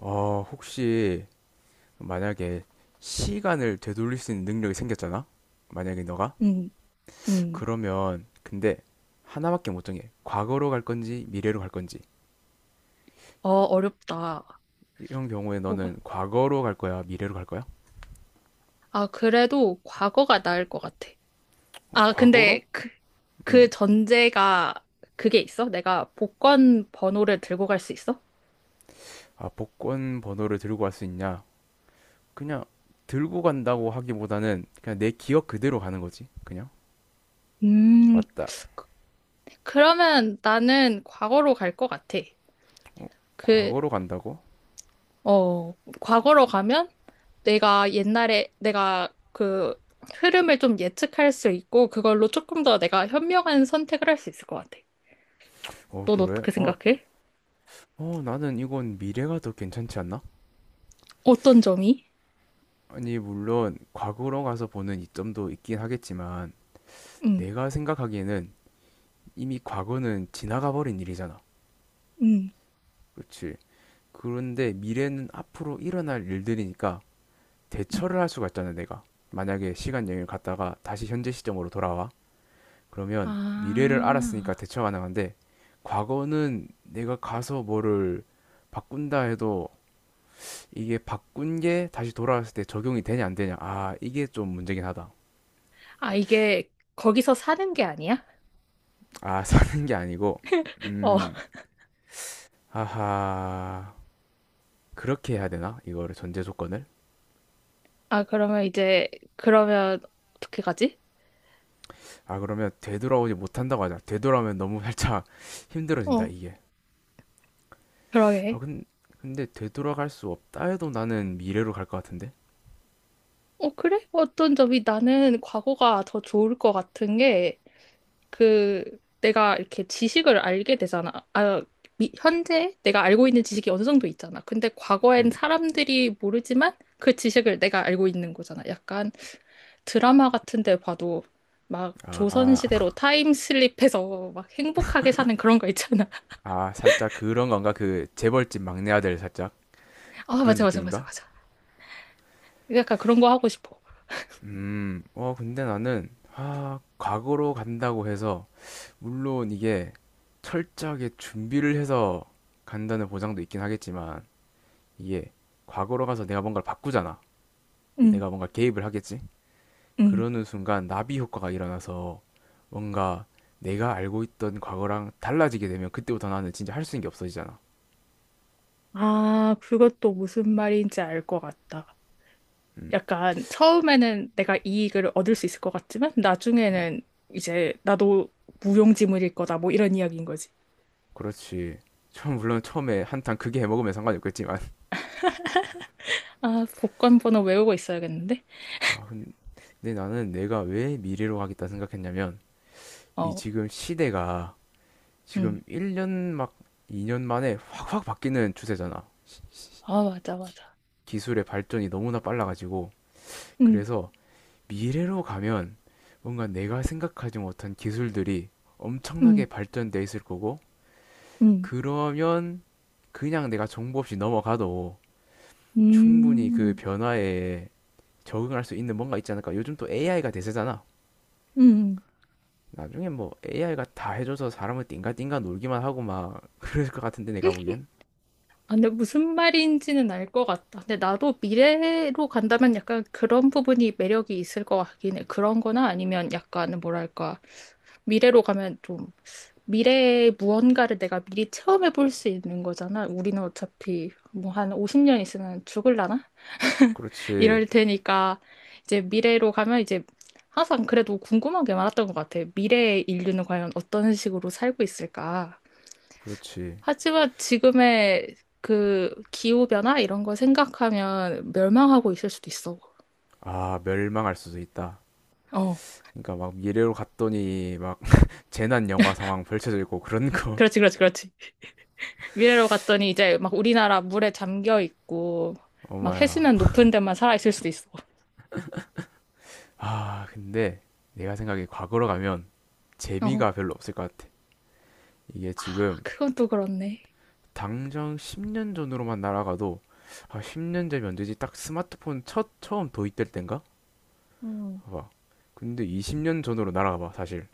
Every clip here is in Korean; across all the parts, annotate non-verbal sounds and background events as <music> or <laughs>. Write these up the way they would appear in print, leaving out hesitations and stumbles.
혹시 만약에 시간을 되돌릴 수 있는 능력이 생겼잖아? 만약에 너가? 음, 음. 그러면 근데 하나밖에 못 정해. 과거로 갈 건지 미래로 갈 건지. 어, 어렵다. 이런 경우에 뭐가? 너는 과거로 갈 거야, 미래로 갈 거야? 아, 그래도 과거가 나을 것 같아. 어, 아, 과거로? 근데 그, 음. 그 전제가 그게 있어? 내가 복권 번호를 들고 갈 수 있어? 아, 복권 번호를 들고 갈 수 있냐? 그냥 들고 간다고 하기보다는 그냥 내 기억 그대로 가는 거지. 그냥. 음, 맞다. 그러면 나는 과거로 갈 것 같아. 그, 과거로 간다고? 과거로 가면 내가 옛날에 내가 그 흐름을 좀 예측할 수 있고 그걸로 조금 더 내가 현명한 선택을 할 수 있을 것 같아. 어, 넌 그래? 어떻게 생각해? 나는 이건 미래가 더 괜찮지 않나? 어떤 점이? 아니, 물론 과거로 가서 보는 이점도 있긴 하겠지만 응 내가 생각하기에는 이미 과거는 지나가 버린 일이잖아. 응 그렇지. 그런데 미래는 앞으로 일어날 일들이니까 대처를 할 수가 있잖아, 내가. 만약에 시간 여행을 갔다가 다시 현재 시점으로 돌아와. 그러면 미래를 알았으니까 아, 대처 가능한데 과거는 내가 가서 뭐를 바꾼다 해도 이게 바꾼 게 다시 돌아왔을 때 적용이 되냐 안 되냐. 아, 이게 좀 문제긴 하다. 아, 이게 거기서 사는 게 아니야? 아, <laughs> 사는 게 아니고, 어, 음, 하하, 그렇게 해야 되나? 이거를 전제 조건을? 아, 그러면 이제, 그러면 어떻게 가지? 아, 그러면 되돌아오지 못한다고 하자. 되돌아오면 너무 살짝 <laughs> 힘들어진다, 어, 이게. 아, 그러게. 근, 근데 되돌아갈 수 없다 해도 나는 미래로 갈 것 같은데? 어, 그래? 어떤 점이 나는 과거가 더 좋을 것 같은 게, 그, 내가 이렇게 지식을 알게 되잖아. 아, 현재 내가 알고 있는 지식이 어느 정도 있잖아. 근데 음, 과거엔 사람들이 모르지만 그 지식을 내가 알고 있는 거잖아. 약간 드라마 같은 데 봐도 막 아, 조선시대로 타임슬립해서 막 <laughs> 행복하게 아, 사는 그런 거 있잖아. <laughs> 아, 살짝 그런 건가? 그 재벌집 막내 아들 살짝 아, 그런 맞아, 맞아, 맞아, 느낌인가? 맞아. 약간 그런 거 하고 싶어. 어, 근데 나는, 아, 과거로 간다고 해서 물론 이게 철저하게 준비를 해서 간다는 보장도 있긴 하겠지만 이게 과거로 가서 내가 뭔가를 바꾸잖아. 응, 내가 뭔가 개입을 하겠지. 응, 그러는 순간 나비 효과가 일어나서 뭔가 내가 알고 있던 과거랑 달라지게 되면 그때부터 나는 진짜 할 수 있는 게 없어지잖아. 아, 그것도 무슨 말인지 알 것 같다. 음, 약간 처음에는 내가 이익을 얻을 수 있을 것 같지만 나중에는 이제 나도 무용지물일 거다. 뭐 이런 이야기인 거지. 그렇지. 처음 물론 처음에 한탕 크게 해먹으면 상관이 없겠지만. 아, 복권 번호 외우고 있어야겠는데? 아, 근데 나는 내가 왜 미래로 가겠다 생각했냐면 이 어, 지금 시대가 음. 지금 1년 막 2년 만에 확확 바뀌는 추세잖아. 아, 맞아, 맞아. 기술의 발전이 너무나 빨라가지고. 음, 그래서 미래로 가면 뭔가 내가 생각하지 못한 기술들이 엄청나게 음, 발전돼 있을 거고, 음, 그러면 그냥 내가 정보 없이 넘어가도 충분히 그 음, 변화에 적응할 수 있는 뭔가 있지 않을까. 요즘 또 AI가 대세잖아. 음. 나중에 뭐 AI가 다 해줘서 사람을 띵가띵가 놀기만 하고 막 <laughs> 그럴 것 같은데 내가 보기엔. 아, 근데 무슨 말인지는 알 것 같다. 근데 나도 미래로 간다면 약간 그런 부분이 매력이 있을 것 같긴 해. 그런 거나 아니면 약간 뭐랄까. 미래로 가면 좀 미래의 무언가를 내가 미리 체험해 볼 수 있는 거잖아. 우리는 어차피 뭐 한 50년 있으면 죽을라나? <laughs> 그렇지, 이럴 테니까 이제 미래로 가면 이제 항상 그래도 궁금한 게 많았던 것 같아. 미래의 인류는 과연 어떤 식으로 살고 있을까? 그렇지. 하지만 지금의 그 기후변화 이런 걸 생각하면 멸망하고 있을 수도 있어. 아, 멸망할 수도 있다. 어. 그러니까 막 미래로 갔더니 막 <laughs> 재난 영화 상황 펼쳐져 있고 그런 거. 그렇지, 그렇지, 그렇지. 미래로 갔더니 이제 막 우리나라 물에 잠겨 있고 <laughs> 막 엄마야. 해수면 높은 데만 살아 있을 수도 있어. 아, 근데 내가 생각에 과거로 가면 어. 재미가 별로 없을 것 같아. 이게 아, 지금 그건 또 그렇네. 당장 10년 전으로만 날아가도 아, 10년 전이 언제지? 딱 스마트폰 첫 처음 도입될 땐가? 음. 봐봐. 근데 20년 전으로 날아가봐, 사실.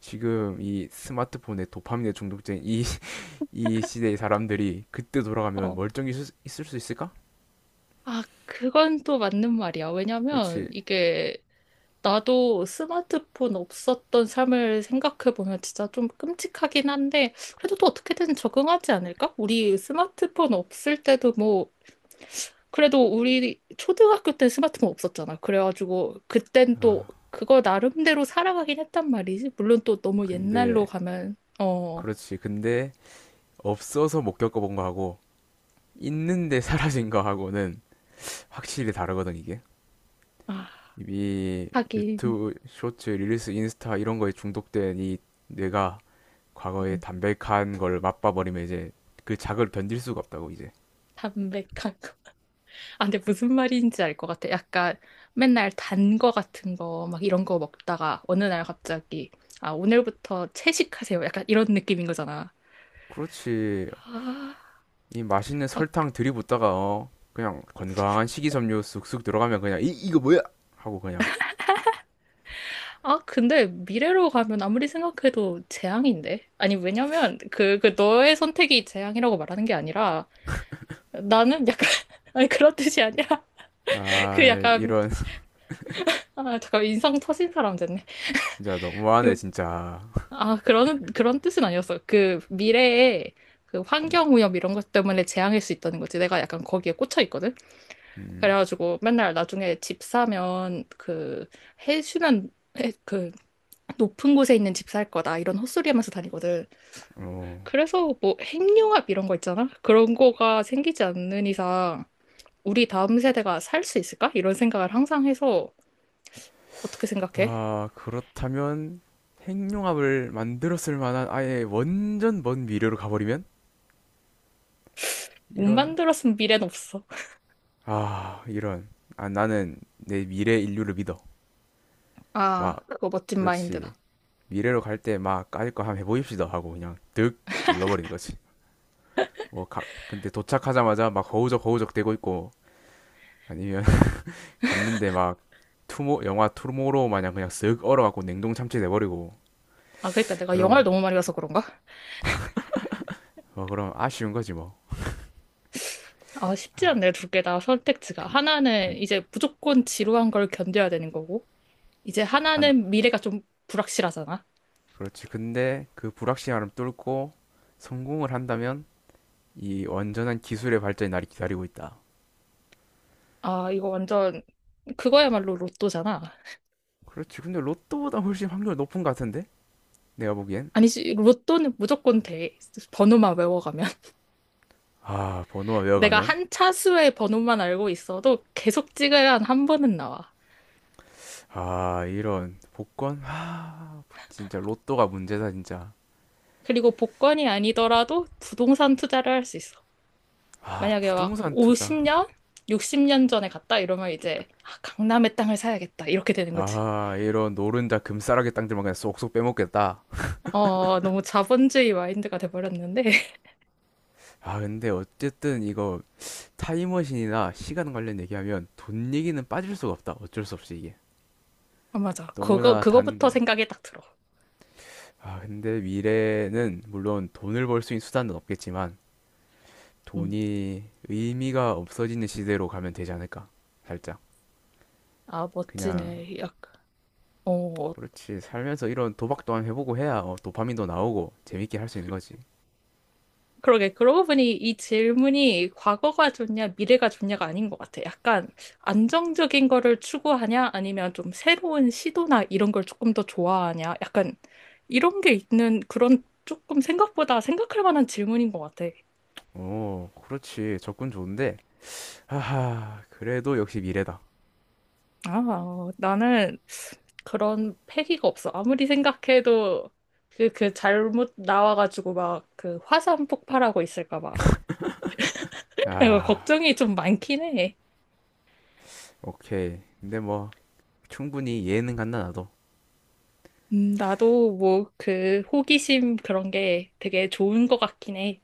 지금 이 스마트폰에 도파민에 중독된 이, <laughs> 이 시대의 사람들이 그때 돌아가면 어. 멀쩡히 있을 수 있을까? 아, 그건 또 맞는 말이야. 왜냐면 그렇지. 이게 나도 스마트폰 없었던 삶을 생각해보면 진짜 좀 끔찍하긴 한데, 그래도 또 어떻게든 적응하지 않을까? 우리 스마트폰 없을 때도 뭐, 그래도 우리 초등학교 때 스마트폰 없었잖아. 그래가지고, 그땐 또 아, 그거 나름대로 살아가긴 했단 말이지. 물론 또 너무 근데 옛날로 가면, 어, 그렇지. 근데 없어서 못 겪어본 거하고 있는데 사라진 거하고는 확실히 다르거든 이게. 아, 이 하긴, 유튜브 쇼츠, 릴리스, 인스타 이런 거에 중독된 이 뇌가 과거에 음, 담백한 걸 맛봐버리면 이제 그 자극을 견딜 수가 없다고 이제. 담백하고. 아, 근데 무슨 말인지 알 것 같아. 약간 맨날 단 거 같은 거, 막 이런 거 먹다가 어느 날 갑자기, 아, 오늘부터 채식하세요. 약간 이런 느낌인 거잖아. 그렇지. 아, 이 맛있는 아, 설탕 들이붓다가 어, 그냥 건강한 식이섬유 쑥쑥 들어가면 그냥 이 이거 뭐야 하고 그냥 아, 근데 미래로 가면 아무리 생각해도 재앙인데? 아니, 왜냐면 그 너의 선택이 재앙이라고 말하는 게 아니라 나는 약간, <laughs> 아니, 그런 뜻이 아니라 <laughs> 그 아 약간, 이런 <laughs> 아, 잠깐 인상 터진 사람 됐네. 진짜 너무하네 그 진짜. 아, 그런 뜻은 아니었어. 그 미래에 그 음. 환경오염 이런 것 때문에 재앙일 수 있다는 거지. 내가 약간 거기에 꽂혀 있거든. 음. 그래가지고 맨날 나중에 집 사면 그 해수면 그 높은 곳에 있는 집 살 거다 이런 헛소리 하면서 다니거든. 어, 그래서 뭐 핵융합 이런 거 있잖아. 그런 거가 생기지 않는 이상 우리 다음 세대가 살 수 있을까? 이런 생각을 항상 해서 어떻게 생각해? 아, 그렇다면 핵융합을 만들었을 만한 아예 완전 먼 미래로 가버리면? 못 이런, 만들었으면 미래는 없어. 아, 이런. 아, 나는 내 미래 인류를 믿어. 아, 막, 그거 멋진 그렇지. 마인드다. 미래로 갈 때 막 까짓 거 한번 해보입시다 하고 그냥 득 눌러버리는 거지. 근데 도착하자마자 막 허우적 허우적 대고 있고 아니면 <laughs> 갔는데 막 영화 투모로우 마냥 그냥 쓱 얼어갖고 냉동 참치 돼버리고 아, 그러니까 내가 영화를 그럼, 너무 많이 봐서 그런가? 뭐, 그럼 아쉬운 거지 뭐. 아, 쉽지 아... 않네, 두 개다 선택지가. 근, 하나는 근, 이제 무조건 지루한 걸 견뎌야 되는 거고, 이제 한, 하나는 미래가 좀 불확실하잖아. 그렇지. 근데 그 불확실함을 뚫고 성공을 한다면 이 완전한 기술의 발전이 나를 기다리고 있다. 아, 이거 완전 그거야말로 로또잖아. 그렇지. 근데 로또보다 훨씬 확률 높은 것 같은데? 내가 보기엔. 아니지, 로또는 무조건 돼. 번호만 외워가면. <laughs> 아, 번호가 내가 외워가면. 한 차수의 번호만 알고 있어도 계속 찍어야 한 한 번은 나와. 아, 이런 복권. 아, 진짜 로또가 문제다, 진짜. 그리고 복권이 아니더라도 부동산 투자를 할 수 있어. 아, 만약에 막 부동산 투자. 50년? 60년 전에 갔다 이러면 이제 아, 강남의 땅을 사야겠다 이렇게 되는 거지. 아, 이런 노른자 금싸라기 땅들만 그냥 쏙쏙 빼먹겠다. 어, 너무 자본주의 마인드가 돼버렸는데. <laughs> 아, 근데 어쨌든 이거 타임머신이나 시간 관련 얘기하면 돈 얘기는 빠질 수가 없다. 어쩔 수 없이 이게. 아, 맞아. 그거, 너무나 단 그거부터 생각이 딱 들어. 아, 근데 미래는 물론 돈을 벌 수 있는 수단은 없겠지만 음. 돈이 의미가 없어지는 시대로 가면 되지 않을까? 살짝. 아, 그냥 멋지네. 약간, 어, 그렇지. 살면서 이런 도박 또한 해보고 해야 어, 도파민도 나오고 재밌게 할 수 있는 거지. 그러게. 그러고 보니 이 질문이 과거가 좋냐, 미래가 좋냐가 아닌 것 같아. 약간 안정적인 거를 추구하냐, 아니면 좀 새로운 시도나 이런 걸 조금 더 좋아하냐. 약간 이런 게 있는 그런 조금 생각보다 생각할 만한 질문인 것 같아. 오, 그렇지. 접근 좋은데. 하하, 그래도 역시 미래다. 아, 나는 그런 패기가 없어. 아무리 생각해도 그 잘못 나와가지고 막 그 화산 폭발하고 있을까 봐. <laughs> 아, 걱정이 좀 많긴 해. 오케이. 근데 뭐 충분히 이해는 간다 나도. 나도 뭐 그 호기심 그런 게 되게 좋은 것 같긴 해.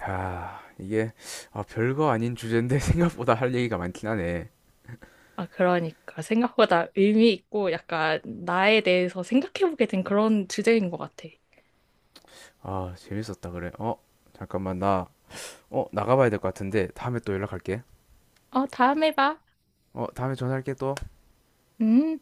아, 이게 아, 별거 아닌 주제인데 <laughs> 생각보다 할 얘기가 많긴 하네. 아, 그러니까 생각보다 의미 있고 약간 나에 대해서 생각해보게 된 그런 주제인 것 같아. 아, 재밌었다 그래. 어, 잠깐만 나 어, 나가봐야 될 것 같은데 다음에 또 연락할게. 어, 다음에 봐. 어, 다음에 전화할게 또. 음.